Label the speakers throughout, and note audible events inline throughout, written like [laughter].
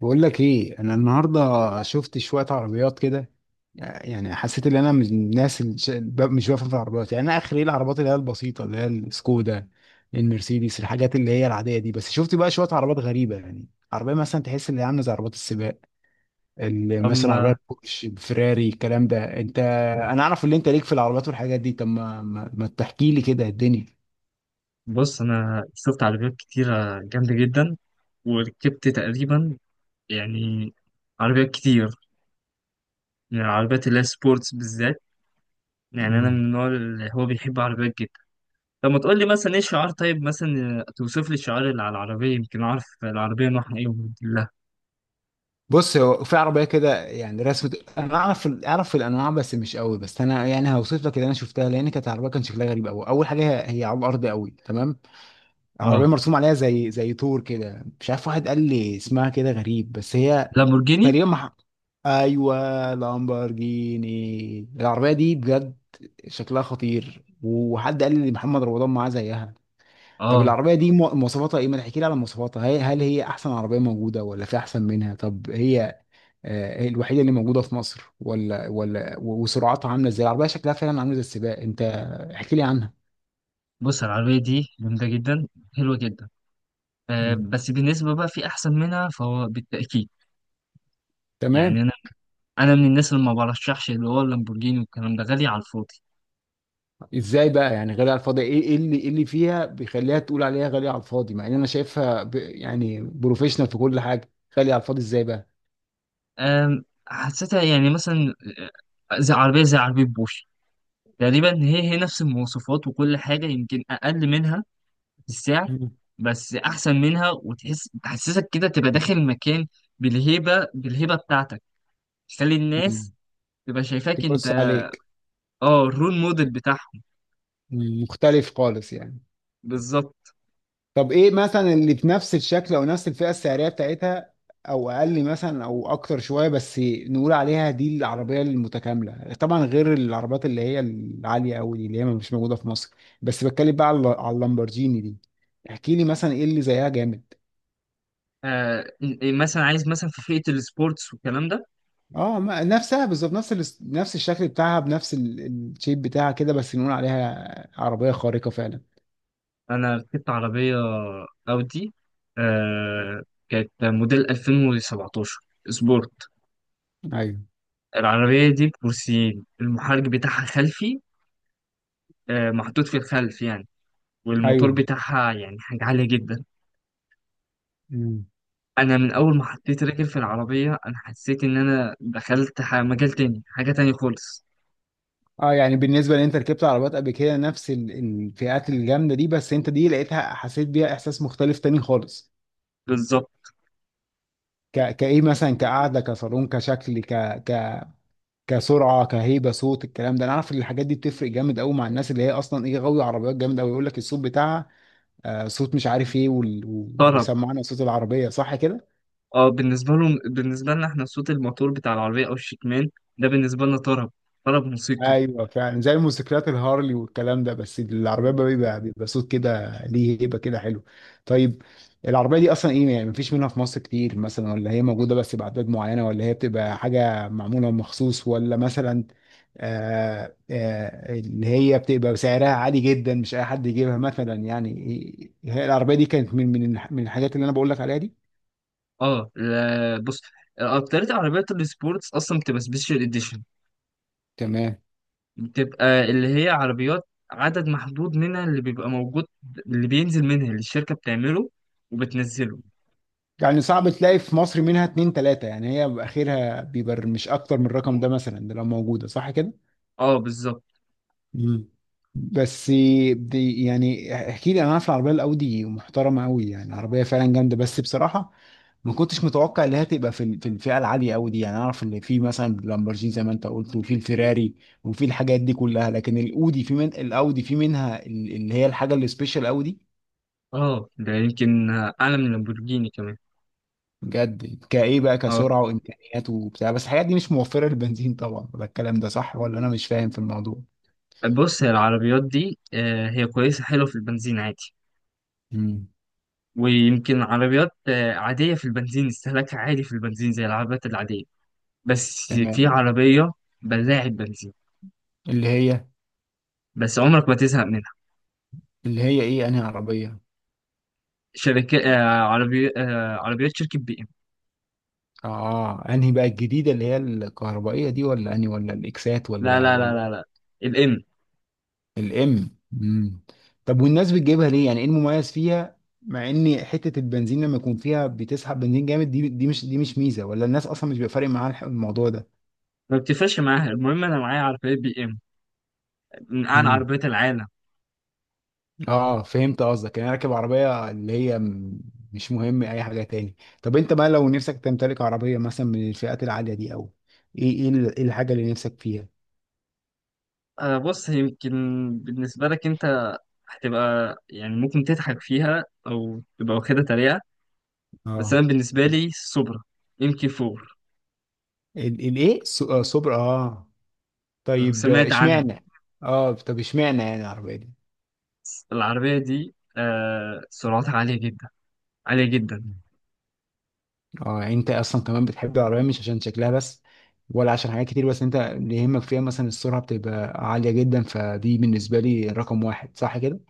Speaker 1: بقول لك ايه، انا النهارده شفت شويه عربيات كده. يعني حسيت ان انا من الناس اللي مش بفهم في العربيات. يعني انا اخر ايه العربيات اللي هي البسيطه، اللي هي السكودا، المرسيدس، الحاجات اللي هي العاديه دي. بس شفت بقى شويه عربيات غريبه، يعني عربيه مثلا تحس ان هي عامله زي عربيات السباق، اللي مثلا
Speaker 2: أما.
Speaker 1: عربيه بورش، فراري، الكلام ده. انت انا اعرف ان انت ليك في العربيات والحاجات دي، طب ما تحكي لي كده الدنيا.
Speaker 2: بص أنا شفت عربيات كتيرة جامدة جدا وركبت تقريبا، يعني عربيات كتير، يعني العربيات اللي هي سبورتس بالذات. يعني أنا من
Speaker 1: مم.
Speaker 2: النوع اللي هو بيحب عربيات جدا. طب ما تقول لي مثلا إيه الشعار، طيب مثلا توصف لي الشعار اللي على العربية يمكن أعرف العربية نوعها إيه وموديل لها.
Speaker 1: بص هو في عربيه كده يعني رسمة. انا اعرف الانواع بس مش قوي، بس انا يعني هوصف لك اللي انا شفتها، لان كانت عربيه كان شكلها غريب قوي. اول حاجه هي على الارض قوي، تمام؟ عربيه
Speaker 2: أه،
Speaker 1: مرسوم عليها زي طور كده، مش عارف، واحد قال لي اسمها كده غريب، بس هي
Speaker 2: لامبورجيني.
Speaker 1: تقريبا مح... ايوه، لامبورجيني. العربيه دي بجد شكلها خطير، وحد قال لي محمد رمضان معاه زيها. طب
Speaker 2: أه
Speaker 1: العربية دي مواصفاتها ايه؟ ما تحكي لي على مواصفاتها، هل هي أحسن عربية موجودة ولا في أحسن منها؟ طب هي الوحيده اللي موجوده في مصر ولا وسرعتها عامله ازاي؟ العربيه شكلها فعلا عامله زي السباق. انت احكي لي عنها.
Speaker 2: بص، العربية دي جامدة جدا، حلوة جدا. أه
Speaker 1: مم.
Speaker 2: بس بالنسبة بقى في أحسن منها فهو بالتأكيد.
Speaker 1: تمام.
Speaker 2: يعني أنا من الناس اللي ما برشحش اللي هو اللامبورجيني والكلام ده غالي على الفاضي.
Speaker 1: ازاي بقى يعني غالية على الفاضي؟ ايه إيه اللي فيها بيخليها تقول عليها غالية على الفاضي، مع ان انا شايفها يعني بروفيشنال في كل حاجة؟ غالية على الفاضي ازاي بقى؟
Speaker 2: حسيتها يعني مثلا زي عربيه زي عربيه بوش تقريبا، هي نفس المواصفات وكل حاجه يمكن اقل منها في السعر،
Speaker 1: مم.
Speaker 2: بس احسن منها وتحس تحسسك كده تبقى داخل المكان بالهيبه بتاعتك تخلي الناس
Speaker 1: مم.
Speaker 2: تبقى شايفاك انت.
Speaker 1: تبص عليك.
Speaker 2: اه الرول موديل بتاعهم.
Speaker 1: مختلف خالص يعني.
Speaker 2: بالظبط.
Speaker 1: طب ايه مثلا اللي بنفس الشكل او نفس الفئه السعريه بتاعتها، او اقل مثلا او اكتر شويه، بس نقول عليها دي العربيه المتكامله، طبعا غير العربيات اللي هي العاليه قوي دي اللي هي مش موجوده في مصر. بس بتكلم بقى على اللامبرجيني دي. احكي لي مثلا ايه اللي زيها جامد.
Speaker 2: آه مثلا عايز مثلا في فئه السبورتس والكلام ده.
Speaker 1: اه نفسها بالظبط، نفس نفس الشكل بتاعها، بنفس الشيب بتاعها كده، بس نقول عليها عربيه خارقه فعلا.
Speaker 2: انا ركبت عربيه اودي، آه كانت موديل 2017 سبورت.
Speaker 1: ايوه.
Speaker 2: العربيه دي بكرسيين، المحرك بتاعها خلفي، آه محطوط في الخلف يعني، والموتور
Speaker 1: ايوه.
Speaker 2: بتاعها يعني حاجه عاليه جدا. انا من اول ما حطيت رجل في العربيه انا حسيت ان انا دخلت مجال تاني، حاجه تاني خالص.
Speaker 1: اه يعني بالنسبه لان انت ركبت عربيات قبل كده نفس الفئات الجامده دي، بس انت دي لقيتها، حسيت بيها احساس مختلف تاني خالص.
Speaker 2: بالظبط.
Speaker 1: كايه مثلا، كقعده، كصالون، كشكل، ك... كسرعه، كهيبه، صوت، الكلام ده انا عارف ان الحاجات دي بتفرق جامد قوي مع الناس اللي هي اصلا ايه، غاويه عربيات جامد قوي. يقول لك الصوت بتاعها آه صوت مش عارف ايه
Speaker 2: طرب.
Speaker 1: وسمعنا صوت العربيه، صح كده؟
Speaker 2: اه بالنسبه لهم، بالنسبه لنا احنا صوت الموتور بتاع العربيه او الشكمان ده بالنسبه لنا طرب، طرب موسيقي.
Speaker 1: ايوه فعلا، زي الموتوسيكلات الهارلي والكلام ده، بس العربيه بقى بيبقى صوت كده ليه هيبه كده حلو. طيب، العربيه دي اصلا ايه يعني؟ مفيش منها في مصر كتير مثلا، ولا هي موجوده بس باعداد معينه، ولا هي بتبقى حاجه معموله مخصوص، ولا مثلا آه اللي هي بتبقى سعرها عالي جدا مش اي حد يجيبها مثلا يعني؟ هي العربيه دي كانت من من الحاجات اللي انا بقول لك عليها دي.
Speaker 2: اه لا بص، اكترية عربيات السبورتس اصلا بتبقى سبيشال اديشن.
Speaker 1: تمام.
Speaker 2: بتبقى اللي هي عربيات عدد محدود منها اللي بيبقى موجود، اللي بينزل منها اللي الشركة بتعمله وبتنزله.
Speaker 1: يعني صعب تلاقي في مصر منها اتنين تلاتة يعني؟ هي اخرها بيبقى مش اكتر من الرقم ده مثلا ده لو موجودة، صح كده؟
Speaker 2: اه بالظبط.
Speaker 1: مم. بس دي يعني احكي لي، انا عارف العربيه الاودي محترمه قوي، يعني عربيه فعلا جامده، بس بصراحه ما كنتش متوقع ان هي تبقى في في الفئه العاليه قوي دي. يعني اعرف ان في مثلا لامبرجيني زي ما انت قلت، وفي الفيراري، وفي الحاجات دي كلها، لكن الاودي في، من الاودي في منها اللي هي الحاجه السبيشال قوي.
Speaker 2: اه ده يمكن اعلى من لامبورجيني كمان.
Speaker 1: بجد كايه بقى،
Speaker 2: اه
Speaker 1: كسرعه وامكانيات وبتاع، بس الحاجات دي مش موفره للبنزين طبعا، ولا الكلام ده صح، ولا انا مش فاهم في الموضوع؟
Speaker 2: بص، هي العربيات دي هي كويسة حلوة في البنزين عادي،
Speaker 1: مم.
Speaker 2: ويمكن عربيات عادية في البنزين، استهلاكها عادي في البنزين زي العربيات العادية. بس في
Speaker 1: تمام.
Speaker 2: عربية بلاعة بنزين
Speaker 1: اللي هي
Speaker 2: بس عمرك ما تزهق منها.
Speaker 1: اللي هي ايه، انهي عربيه؟
Speaker 2: شركات عربي، عربيات شركة بي ام.
Speaker 1: اه انهي بقى، الجديده اللي هي الكهربائيه دي ولا انهي، ولا الاكسات،
Speaker 2: لا
Speaker 1: ولا
Speaker 2: لا لا
Speaker 1: ولا
Speaker 2: لا لا، الام.
Speaker 1: الام. امم. طب والناس بتجيبها ليه؟ يعني ايه المميز فيها مع ان حته البنزين لما يكون فيها بتسحب بنزين جامد؟ دي مش، دي مش ميزه، ولا الناس اصلا مش بيبقى فارق معاها الموضوع ده؟
Speaker 2: ما بتفرقش معاها، المهم انا معايا عربيات بي ام، من اعلى
Speaker 1: امم.
Speaker 2: عربيات العالم.
Speaker 1: اه فهمت قصدك، يعني راكب عربية اللي هي مش مهم اي حاجة تاني. طب انت بقى لو نفسك تمتلك عربية مثلا من الفئات العالية دي، او ايه، إيه الحاجة اللي نفسك فيها؟
Speaker 2: بص، يمكن بالنسبة لك انت هتبقى يعني ممكن تضحك فيها او تبقى واخدها تريقة، بس
Speaker 1: اه
Speaker 2: انا بالنسبة لي سوبرا ام كي 4،
Speaker 1: ال- الايه س- آه، سوبر، اه.
Speaker 2: لو
Speaker 1: طيب،
Speaker 2: سمعت عنها.
Speaker 1: اشمعنى؟ اه طب اشمعنى يعني العربية دي؟
Speaker 2: العربية دي سرعتها عالية جدا، عالية جدا.
Speaker 1: اه يعني انت اصلا كمان بتحب العربية مش عشان شكلها بس، ولا عشان حاجات كتير؟ بس انت اللي يهمك فيها مثلا السرعة بتبقى عالية جدا، فدي بالنسبة لي رقم واحد، صح كده؟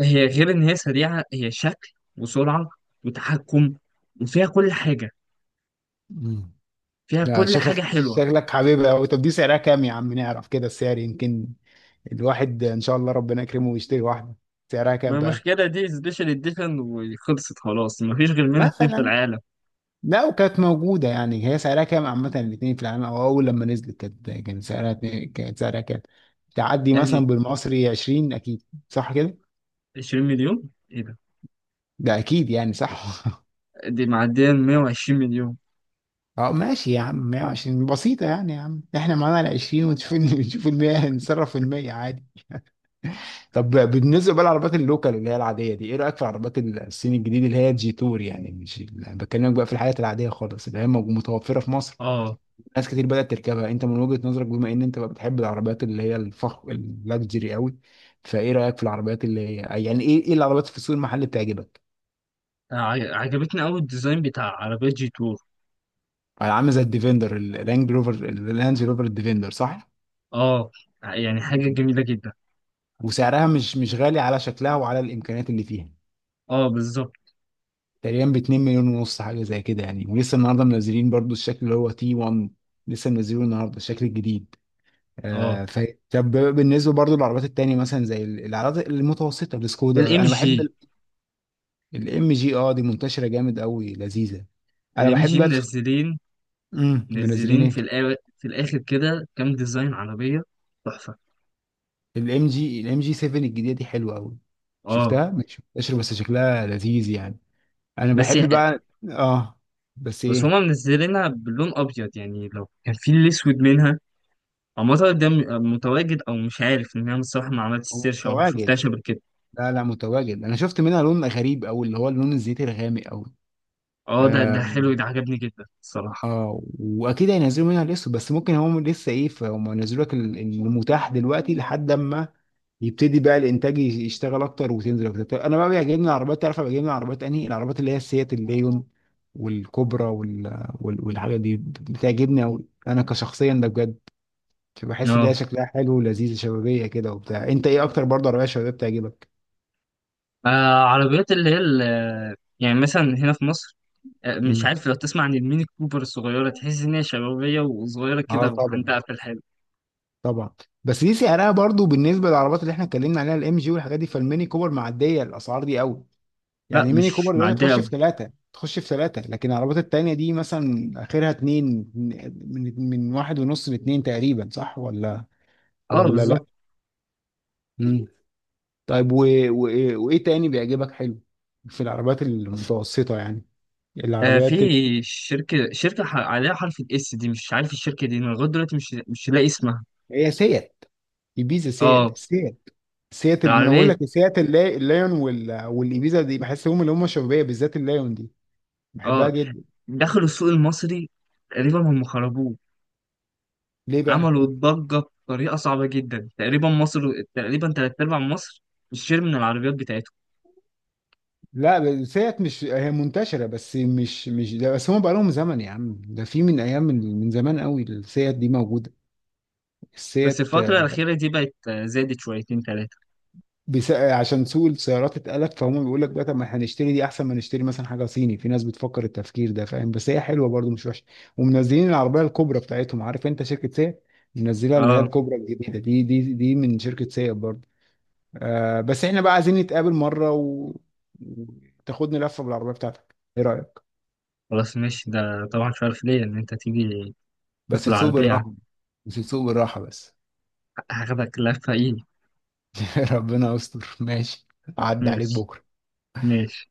Speaker 2: هي غير ان هي سريعة، هي شكل وسرعة وتحكم وفيها كل حاجة،
Speaker 1: مم.
Speaker 2: فيها
Speaker 1: ده
Speaker 2: كل حاجة
Speaker 1: شكلك
Speaker 2: حلوة.
Speaker 1: شكلك حبيبي أوي. طب دي سعرها كام يا عم، نعرف كده السعر، يمكن الواحد إن شاء الله ربنا يكرمه ويشتري واحدة. سعرها
Speaker 2: ما
Speaker 1: كام بقى؟
Speaker 2: المشكلة دي سبيشال اديشن وخلصت خلاص، مفيش غير منها اتنين في
Speaker 1: مثلا
Speaker 2: العالم.
Speaker 1: لو كانت موجودة يعني هي سعرها كام عامة، الاتنين في العالم، أو أول لما نزلت كانت، كان سعرها كانت سعرها كام؟ تعدي مثلا
Speaker 2: يعني
Speaker 1: بالمصري 20 أكيد، صح كده؟
Speaker 2: 20 مليون ايه ده؟
Speaker 1: ده أكيد يعني، صح. [laughs]
Speaker 2: دي معدية 120 مليون.
Speaker 1: اه ماشي يا عم، 120 بسيطة يعني، يا عم احنا معانا ال 20 ونشوف [laughs] نشوف ال 100، نتصرف في المية عادي. طب بالنسبه بقى للعربيات اللوكال اللي هي العاديه دي، ايه رايك في العربيات الصين الجديد اللي هي الجي تور؟ يعني مش بكلمك بقى في الحاجات العاديه خالص اللي هي متوفره في مصر.
Speaker 2: اه
Speaker 1: ناس كتير بدات تركبها، انت من وجهه نظرك، بما ان انت بقى بتحب العربيات اللي هي الفخم اللاكجري قوي، فايه رايك في العربيات اللي هي، يعني ايه، ايه العربيات في السوق المحلي بتعجبك؟
Speaker 2: عجبتني قوي الديزاين بتاع عربية جي تور.
Speaker 1: عامله زي الديفندر، الرانج روفر، الرانج روفر الديفندر، صح؟
Speaker 2: اه يعني حاجة
Speaker 1: مم.
Speaker 2: جميلة جدا.
Speaker 1: وسعرها مش غالي على شكلها وعلى الامكانيات اللي فيها.
Speaker 2: اه بالظبط.
Speaker 1: تقريبا ب 2 مليون ونص حاجه زي كده يعني. ولسه النهارده منزلين برضو الشكل اللي هو تي 1، لسه منزلينه النهارده الشكل الجديد.
Speaker 2: اه
Speaker 1: آه ف... طب بالنسبه برضو للعربيات التانية مثلا زي العربيات المتوسطه، السكودا
Speaker 2: الام
Speaker 1: انا بحب.
Speaker 2: جي.
Speaker 1: الام جي، اه دي منتشره جامد قوي، لذيذه. انا
Speaker 2: الام
Speaker 1: بحب
Speaker 2: جي
Speaker 1: بقى
Speaker 2: منزلين،
Speaker 1: منزلين
Speaker 2: منزلين
Speaker 1: ايه؟
Speaker 2: في في الاخر كده كام ديزاين عربية تحفة.
Speaker 1: الام جي، الام جي 7 الجديده دي حلوه قوي.
Speaker 2: اه
Speaker 1: شفتها مش منتشره، بس شكلها لذيذ يعني. انا
Speaker 2: بس
Speaker 1: بحب بقى، اه. بس
Speaker 2: بس
Speaker 1: ايه؟
Speaker 2: هما منزلينها باللون ابيض، يعني لو كان في الاسود منها. هو المطعم ده متواجد او مش عارف، ان انا الصراحه ما عملتش
Speaker 1: هو
Speaker 2: سيرش او ما
Speaker 1: متواجد؟
Speaker 2: شفتهاش قبل كده.
Speaker 1: لا لا متواجد، انا شفت منها لون غريب او اللي هو اللون الزيتي الغامق قوي،
Speaker 2: اه ده
Speaker 1: اه.
Speaker 2: ده حلو، ده عجبني جدا الصراحه.
Speaker 1: واكيد هينزلوا منها الاسود، بس ممكن هم لسه ايه، فهم ينزلوا لك المتاح دلوقتي لحد اما يبتدي بقى الانتاج يشتغل اكتر وتنزل اكتر. طب انا بقى بيعجبني العربيات، تعرف أنا بيعجبني العربيات انهي؟ العربيات اللي هي السيات، الليون، والكوبرا، والحاجات دي بتعجبني قوي انا كشخصيا ده بجد. بحس ان هي
Speaker 2: اه
Speaker 1: شكلها حلو ولذيذ، شبابيه كده وبتاع. انت ايه اكتر برضه عربيه شبابيه بتعجبك؟
Speaker 2: آه، عربيات اللي هي يعني مثلا هنا في مصر، مش
Speaker 1: مم.
Speaker 2: عارف لو تسمع عن الميني كوبر الصغيره، تحس ان هي شبابيه وصغيره كده
Speaker 1: اه طبعا،
Speaker 2: ومحندقه في الحلو.
Speaker 1: طبعا. بس دي سعرها برضو بالنسبه للعربيات اللي احنا اتكلمنا عليها، الام جي والحاجات دي، فالميني كوبر معديه الاسعار دي قوي.
Speaker 2: لا
Speaker 1: يعني ميني كوبر
Speaker 2: مش
Speaker 1: دلوقتي
Speaker 2: معديه
Speaker 1: تخش في
Speaker 2: قوي.
Speaker 1: ثلاثه، تخش في ثلاثه، لكن العربيات التانيه دي مثلا اخرها اتنين، من واحد ونص لاتنين تقريبا، صح ولا؟
Speaker 2: اه
Speaker 1: ولا لا.
Speaker 2: بالظبط.
Speaker 1: مم. طيب و... وايه تاني بيعجبك حلو في العربيات المتوسطه يعني؟
Speaker 2: آه في
Speaker 1: العربيات ال...
Speaker 2: شركه عليها حرف الاس دي، مش عارف الشركه دي، انا لغايه دلوقتي مش لاقي اسمها.
Speaker 1: هي سيات، ايبيزا، سيات
Speaker 2: اه
Speaker 1: سيات سيات، ما انا اقول
Speaker 2: العربيه.
Speaker 1: لك سيات، اللايون والايبيزا دي، بحس هم اللي هم شبابيه، بالذات اللايون دي بحبها
Speaker 2: اه
Speaker 1: جدا.
Speaker 2: دخلوا السوق المصري تقريبا هم خربوه،
Speaker 1: ليه بقى؟
Speaker 2: عملوا ضجة بطريقة صعبة جدا. تقريبا مصر، تقريبا تلات أرباع مصر بتشتري من العربيات بتاعتهم.
Speaker 1: لا بس هيت مش هي منتشره بس، مش ده بس، هم بقى لهم زمن يا عم، ده في من ايام، من زمان قوي السيات دي موجوده،
Speaker 2: بس
Speaker 1: السيات.
Speaker 2: الفترة
Speaker 1: آه،
Speaker 2: الأخيرة دي بقت زادت شويتين تلاتة.
Speaker 1: بس... آه، عشان سوق السيارات اتقلب، فهم بيقول لك بقى طب ما احنا نشتري دي احسن ما نشتري مثلا حاجه صيني، في ناس بتفكر التفكير ده، فاهم؟ بس هي حلوه برضو، مش وحشه. ومنزلين العربيه الكبرى بتاعتهم، عارف انت شركه سيات منزلها اللي هي
Speaker 2: اه
Speaker 1: الكبرى الجديده دي؟ دي من شركه سيات برضو. آه بس احنا بقى عايزين نتقابل مره وتاخدني لفه بالعربيه بتاعتك، ايه رايك؟
Speaker 2: خلاص ماشي، ده طبعا مش عارف ليه إن أنت تيجي
Speaker 1: بس
Speaker 2: تدخل
Speaker 1: تسوق
Speaker 2: العربية.
Speaker 1: بالراحة، بس تسوق بالراحة بس.
Speaker 2: هاخدك لفة إيه!
Speaker 1: [laughs] ربنا يستر، ماشي. عدى عليك
Speaker 2: ماشي،
Speaker 1: بكرة.
Speaker 2: ماشي.